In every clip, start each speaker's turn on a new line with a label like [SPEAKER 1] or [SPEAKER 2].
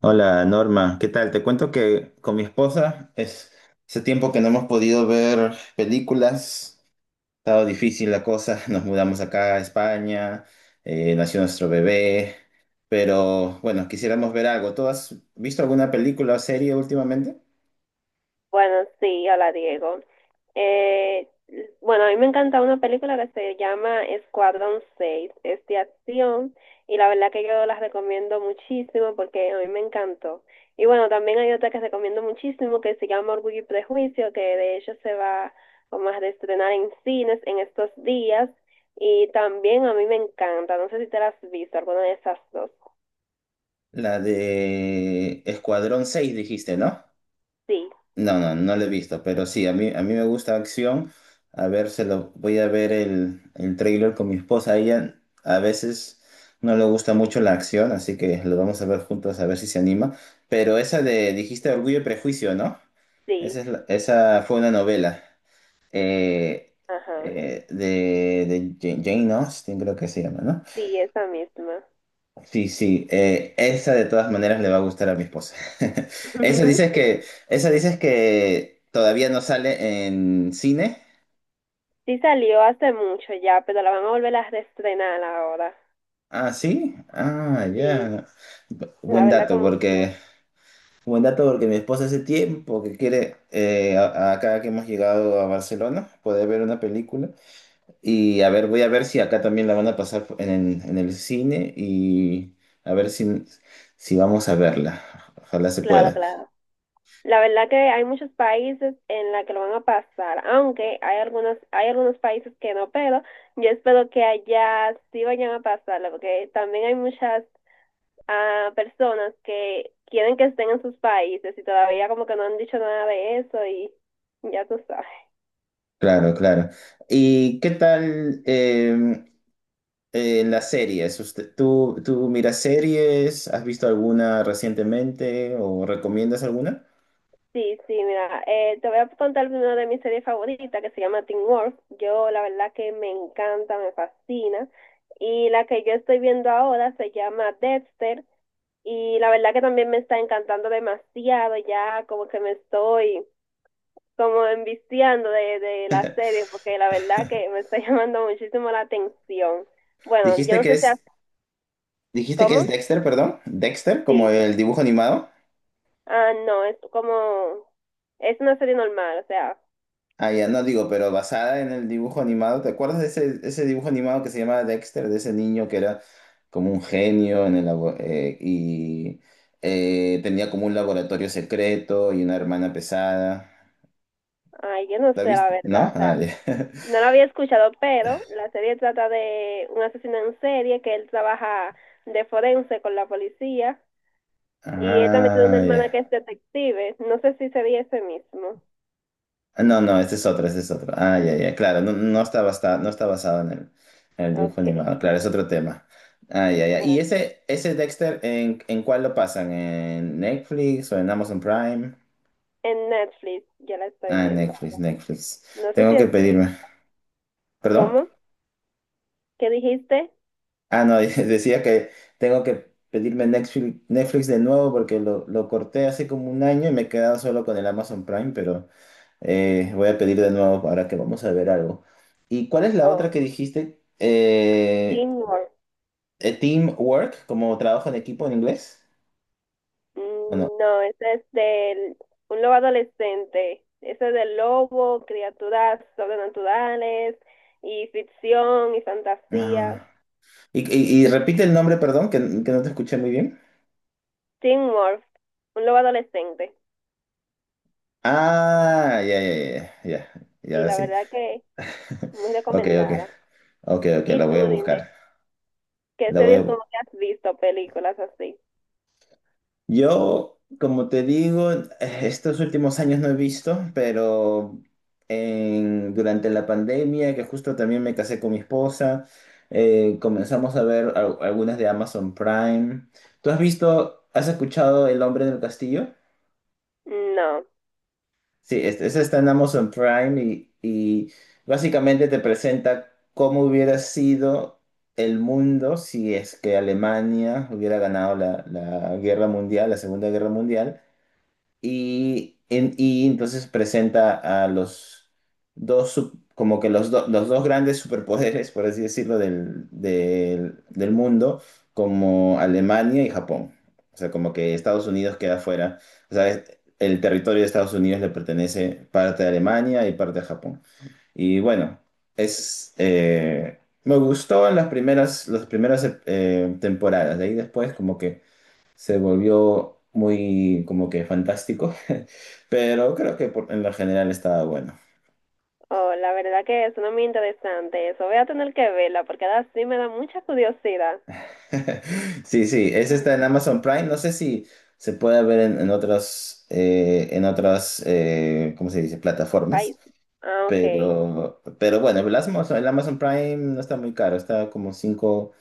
[SPEAKER 1] Hola Norma, ¿qué tal? Te cuento que con mi esposa es hace tiempo que no hemos podido ver películas, ha estado difícil la cosa, nos mudamos acá a España, nació nuestro bebé, pero bueno, quisiéramos ver algo. ¿Tú has visto alguna película o serie últimamente?
[SPEAKER 2] Bueno, sí, hola Diego. Eh, bueno, a mí me encanta una película que se llama Escuadrón 6, es de acción y la verdad que yo la recomiendo muchísimo porque a mí me encantó. Y bueno, también hay otra que recomiendo muchísimo que se llama Orgullo y Prejuicio, que de hecho se va como a estrenar en cines en estos días y también a mí me encanta, no sé si te la has visto, alguna de esas dos.
[SPEAKER 1] La de Escuadrón 6 dijiste, ¿no?
[SPEAKER 2] Sí,
[SPEAKER 1] No, no, no lo he visto, pero sí, a mí me gusta acción. A ver, se lo voy a ver el trailer con mi esposa. A ella a veces no le gusta mucho la acción, así que lo vamos a ver juntos a ver si se anima. Pero dijiste Orgullo y Prejuicio, ¿no?
[SPEAKER 2] sí,
[SPEAKER 1] Esa fue una novela eh,
[SPEAKER 2] ajá,
[SPEAKER 1] de Jane Austen, creo que se llama, ¿no?
[SPEAKER 2] sí, esa misma.
[SPEAKER 1] Sí, sí, esa de todas maneras le va a gustar a mi esposa. Esa dices que, esa dices que todavía no sale en cine.
[SPEAKER 2] Sí salió hace mucho ya, pero la van a volver a reestrenar ahora.
[SPEAKER 1] Ah, sí. Ah,
[SPEAKER 2] Sí,
[SPEAKER 1] ya. Bu-
[SPEAKER 2] la
[SPEAKER 1] Buen
[SPEAKER 2] verdad que
[SPEAKER 1] dato,
[SPEAKER 2] mucho.
[SPEAKER 1] porque buen dato porque mi esposa hace tiempo que quiere acá que hemos llegado a Barcelona poder ver una película y a ver, voy a ver si acá también la van a pasar en el cine y a ver si vamos a verla. Ojalá se
[SPEAKER 2] Claro,
[SPEAKER 1] pueda.
[SPEAKER 2] claro. La verdad que hay muchos países en la que lo van a pasar, aunque hay algunos países que no, pero yo espero que allá sí vayan a pasarlo, porque también hay muchas personas que quieren que estén en sus países y todavía como que no han dicho nada de eso y ya tú sabes.
[SPEAKER 1] Claro, claro. ¿Y qué tal las series? ¿Tú miras series? ¿Has visto alguna recientemente o recomiendas alguna?
[SPEAKER 2] Sí, sí, mira, te voy a contar una de mis series favoritas que se llama Teen Wolf. Yo la verdad que me encanta, me fascina. Y la que yo estoy viendo ahora se llama Dexter y la verdad que también me está encantando demasiado, ya como que me estoy como enviciando de la serie porque la verdad que me está llamando muchísimo la atención. Bueno, yo
[SPEAKER 1] Dijiste
[SPEAKER 2] no
[SPEAKER 1] que
[SPEAKER 2] sé si... a-
[SPEAKER 1] es, dijiste que
[SPEAKER 2] ¿Cómo?
[SPEAKER 1] es Dexter, perdón. Dexter, como
[SPEAKER 2] Sí.
[SPEAKER 1] el dibujo animado.
[SPEAKER 2] Ah, no, es como... Es una serie normal, o sea,
[SPEAKER 1] Ah, ya no digo, pero basada en el dibujo animado. ¿Te acuerdas de ese dibujo animado que se llamaba Dexter, de ese niño que era como un genio en el y tenía como un laboratorio secreto y una hermana pesada?
[SPEAKER 2] ay, yo no
[SPEAKER 1] ¿La
[SPEAKER 2] sé la
[SPEAKER 1] viste?
[SPEAKER 2] verdad,
[SPEAKER 1] ¿No?
[SPEAKER 2] o sea,
[SPEAKER 1] Ah, ya.
[SPEAKER 2] no lo había escuchado, pero la serie trata de un asesino en serie que él trabaja de forense con la policía y él también tiene una
[SPEAKER 1] Ah,
[SPEAKER 2] hermana
[SPEAKER 1] ya.
[SPEAKER 2] que es detective. No sé si sería ese mismo.
[SPEAKER 1] Ah, no, no, este es otro, este es otro. Ah, ya, ya, claro, no, no está no está basado en el dibujo
[SPEAKER 2] Okay,
[SPEAKER 1] animado, claro, es otro tema. Ah, ya, ya. ¿Y
[SPEAKER 2] bueno.
[SPEAKER 1] ese Dexter, en cuál lo pasan? ¿En Netflix o en Amazon Prime?
[SPEAKER 2] En Netflix ya la estoy
[SPEAKER 1] Ah, en
[SPEAKER 2] viendo.
[SPEAKER 1] Netflix, Netflix.
[SPEAKER 2] No sé si
[SPEAKER 1] Tengo que
[SPEAKER 2] es...
[SPEAKER 1] pedirme. ¿Perdón?
[SPEAKER 2] ¿Cómo? ¿Qué dijiste?
[SPEAKER 1] Ah, no, decía que tengo que pedirme Netflix, Netflix de nuevo porque lo corté hace como un año y me he quedado solo con el Amazon Prime, pero... voy a pedir de nuevo ahora que vamos a ver algo. ¿Y cuál es la otra
[SPEAKER 2] Oh,
[SPEAKER 1] que dijiste?
[SPEAKER 2] Teen Wolf.
[SPEAKER 1] Teamwork, como trabajo en equipo en inglés. Bueno,
[SPEAKER 2] Mm, no, ese es de un lobo adolescente. Ese es de lobo, criaturas sobrenaturales y ficción y fantasía.
[SPEAKER 1] ah. Y repite el nombre, perdón, que no te escuché muy bien.
[SPEAKER 2] Teen Wolf, un lobo adolescente.
[SPEAKER 1] Ah, ya, ya, ya, ya, ya,
[SPEAKER 2] Sí,
[SPEAKER 1] ya,
[SPEAKER 2] la
[SPEAKER 1] sí.
[SPEAKER 2] verdad que muy
[SPEAKER 1] Ok, ok,
[SPEAKER 2] recomendada.
[SPEAKER 1] ok, ok, la
[SPEAKER 2] ¿Y tú,
[SPEAKER 1] voy a buscar.
[SPEAKER 2] dime ¿qué
[SPEAKER 1] La voy a,
[SPEAKER 2] series como
[SPEAKER 1] bu-
[SPEAKER 2] que has visto, películas así?
[SPEAKER 1] Yo, como te digo, estos últimos años no he visto, pero durante la pandemia, que justo también me casé con mi esposa, comenzamos a ver algunas de Amazon Prime. ¿Tú has visto, has escuchado El hombre del castillo?
[SPEAKER 2] No.
[SPEAKER 1] Sí, esa está en Amazon Prime y básicamente te presenta cómo hubiera sido el mundo si es que Alemania hubiera ganado la guerra mundial, la Segunda Guerra Mundial y, y entonces presenta a los como que los dos grandes superpoderes, por así decirlo, del mundo, como Alemania y Japón. O sea, como que Estados Unidos queda fuera. O sea, el territorio de Estados Unidos le pertenece parte a Alemania y parte a Japón. Y bueno, me gustó en las primeras temporadas. De ahí después, como que se volvió muy como que fantástico, pero creo que en lo general estaba bueno.
[SPEAKER 2] Oh, la verdad que eso no es muy interesante eso. Voy a tener que verla porque ahora sí me da mucha curiosidad.
[SPEAKER 1] Sí, sí, ese está en Amazon Prime, no sé si se puede ver en otras, ¿cómo se dice?,
[SPEAKER 2] Ay,
[SPEAKER 1] plataformas,
[SPEAKER 2] sí. Ah, ok.
[SPEAKER 1] pero, bueno, el Amazon Prime no está muy caro, está como 5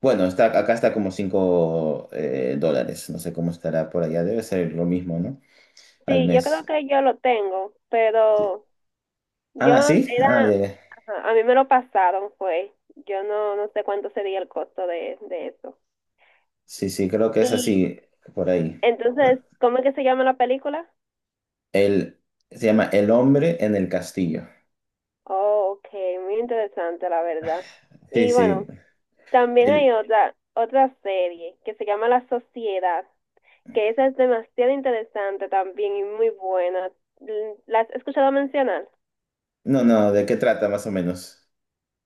[SPEAKER 1] bueno, está, acá está como 5 dólares, no sé cómo estará por allá, debe ser lo mismo, ¿no? Al
[SPEAKER 2] Sí, yo creo
[SPEAKER 1] mes.
[SPEAKER 2] que yo lo tengo,
[SPEAKER 1] Sí.
[SPEAKER 2] pero yo
[SPEAKER 1] Ah, sí, ah, ya,
[SPEAKER 2] era,
[SPEAKER 1] ya.
[SPEAKER 2] ajá, a mí me lo pasaron, fue. Yo no, no sé cuánto sería el costo de eso.
[SPEAKER 1] Sí, sí, creo que es
[SPEAKER 2] Y
[SPEAKER 1] así, por ahí. ¿No?
[SPEAKER 2] entonces, ¿cómo es que se llama la película?
[SPEAKER 1] El, se llama El hombre en el castillo.
[SPEAKER 2] Oh, ok, muy interesante, la verdad.
[SPEAKER 1] Sí,
[SPEAKER 2] Y
[SPEAKER 1] sí.
[SPEAKER 2] bueno, también hay
[SPEAKER 1] El,
[SPEAKER 2] otra, otra serie que se llama La Sociedad, que esa es demasiado interesante también y muy buena. ¿La has escuchado mencionar?
[SPEAKER 1] no, no, ¿de qué trata más o menos?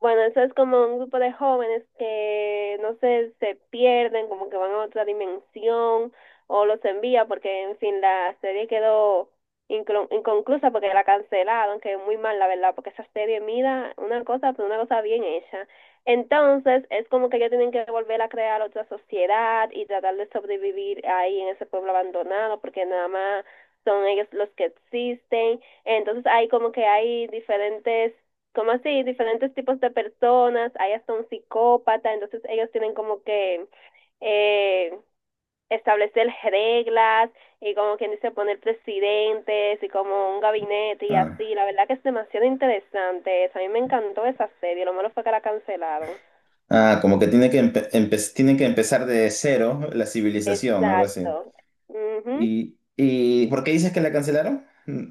[SPEAKER 2] Bueno, eso es como un grupo de jóvenes que, no sé, se pierden, como que van a otra dimensión o los envía porque, en fin, la serie quedó inconclusa porque la cancelaron, que es muy mal, la verdad, porque esa serie, mira, una cosa, pero una cosa bien hecha. Entonces, es como que ellos tienen que volver a crear otra sociedad y tratar de sobrevivir ahí en ese pueblo abandonado porque nada más son ellos los que existen. Entonces, hay como que hay diferentes como así, diferentes tipos de personas, hay hasta un psicópata, entonces ellos tienen como que eh, establecer reglas y como quien dice poner presidentes y como un gabinete y
[SPEAKER 1] Ah,
[SPEAKER 2] así, la verdad que es demasiado interesante, eso. A mí me encantó esa serie, lo malo fue que la cancelaron.
[SPEAKER 1] ah, como que tiene que, empezar de cero la civilización, algo así.
[SPEAKER 2] Exacto. Ujú.
[SPEAKER 1] ¿Y por qué dices que la cancelaron? Mm,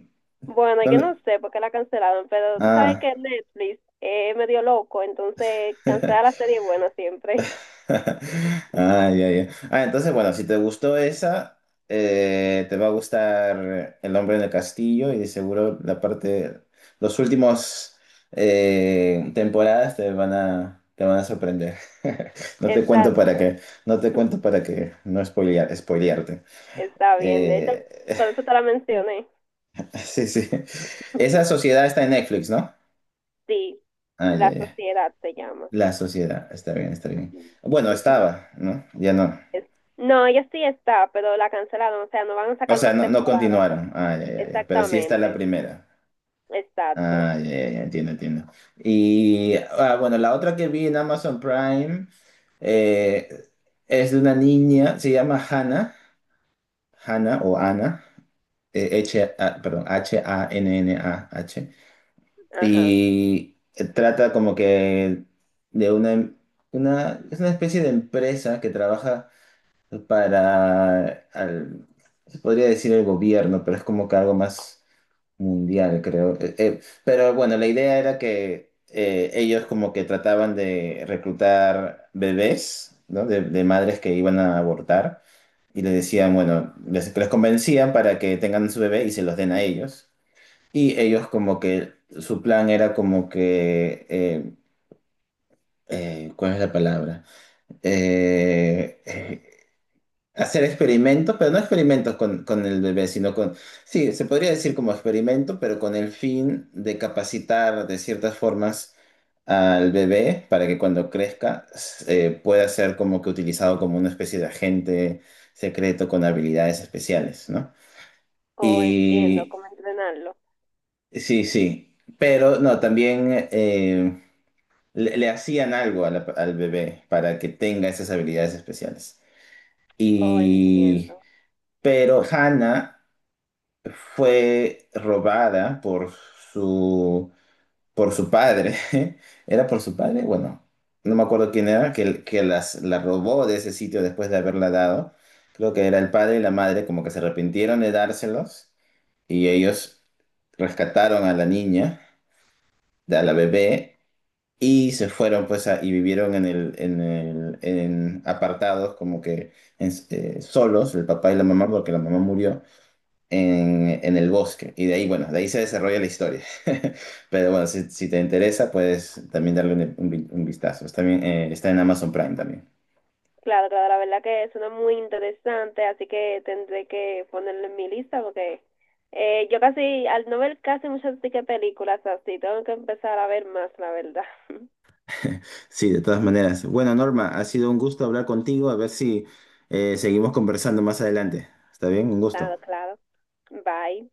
[SPEAKER 2] Bueno,
[SPEAKER 1] No
[SPEAKER 2] yo
[SPEAKER 1] le-
[SPEAKER 2] no sé por qué la cancelaron, pero tú sabes
[SPEAKER 1] ah.
[SPEAKER 2] que Netflix es medio loco, entonces cancela la serie buena siempre.
[SPEAKER 1] Ah, ya, ya. Ah, entonces, bueno, si te gustó esa, te va a gustar El hombre en el castillo y de seguro los últimos temporadas te van a sorprender. No te cuento para
[SPEAKER 2] Exacto.
[SPEAKER 1] que, no te cuento para que no spoilearte.
[SPEAKER 2] Está bien, de hecho,
[SPEAKER 1] Eh,
[SPEAKER 2] por eso te la mencioné.
[SPEAKER 1] sí, sí. Esa sociedad está en Netflix, ¿no?
[SPEAKER 2] Sí,
[SPEAKER 1] Ah, ya,
[SPEAKER 2] la
[SPEAKER 1] ya.
[SPEAKER 2] sociedad se llama.
[SPEAKER 1] La sociedad, está bien, está bien.
[SPEAKER 2] Sí.
[SPEAKER 1] Bueno, estaba, ¿no? Ya no.
[SPEAKER 2] Es- No, ella sí está, pero la cancelaron, o sea, no van a
[SPEAKER 1] O
[SPEAKER 2] sacar
[SPEAKER 1] sea,
[SPEAKER 2] más
[SPEAKER 1] no, no
[SPEAKER 2] temporadas.
[SPEAKER 1] continuaron. Ah, ya, ya, ya. Pero sí está la
[SPEAKER 2] Exactamente,
[SPEAKER 1] primera.
[SPEAKER 2] exacto.
[SPEAKER 1] Ah, ya, ya, ya, entiendo, entiendo. Y ah, bueno, la otra que vi en Amazon Prime eh, es de una niña, se llama Hannah, Hannah o Ana, H, A, perdón, Hannah.
[SPEAKER 2] Ajá.
[SPEAKER 1] Y trata como que de una, es una especie de empresa que trabaja para, se podría decir el gobierno, pero es como que algo más mundial, creo. Pero bueno, la idea era que ellos como que trataban de reclutar bebés, ¿no? De madres que iban a abortar y les decían, bueno, les convencían para que tengan su bebé y se los den a ellos. Y ellos como que su plan era como que, ¿cuál es la palabra? Eh, eh, hacer experimentos, pero no experimentos con el bebé, sino con, sí, se podría decir como experimento, pero con el fin de capacitar de ciertas formas al bebé para que cuando crezca pueda ser como que utilizado como una especie de agente secreto con habilidades especiales, ¿no?
[SPEAKER 2] Oh, entiendo
[SPEAKER 1] Y
[SPEAKER 2] cómo entrenarlo.
[SPEAKER 1] sí, sí, pero no,
[SPEAKER 2] Oh,
[SPEAKER 1] también le hacían algo a al bebé para que tenga esas habilidades especiales.
[SPEAKER 2] oh,
[SPEAKER 1] Y,
[SPEAKER 2] entiendo.
[SPEAKER 1] pero Hannah fue robada por su, su padre. ¿Era por su padre? Bueno, no me acuerdo quién era, que la robó de ese sitio después de haberla dado. Creo que era el padre y la madre, como que se arrepintieron de dárselos y ellos rescataron a la niña, a la bebé, y se fueron pues y vivieron en apartados, como que solos, el papá y la mamá, porque la mamá murió en el bosque. Y de ahí, bueno, de ahí se desarrolla la historia. Pero bueno, si te interesa, puedes también darle un vistazo. Está bien, está en Amazon Prime también.
[SPEAKER 2] Claro, claro, la verdad que suena muy interesante, así que tendré que ponerlo en mi lista porque yo casi, al no ver casi muchas sí que películas así, tengo que empezar a ver más, la verdad.
[SPEAKER 1] Sí, de todas maneras. Bueno, Norma, ha sido un gusto hablar contigo. A ver si seguimos conversando más adelante. ¿Está bien? Un gusto.
[SPEAKER 2] Claro, claro. Bye.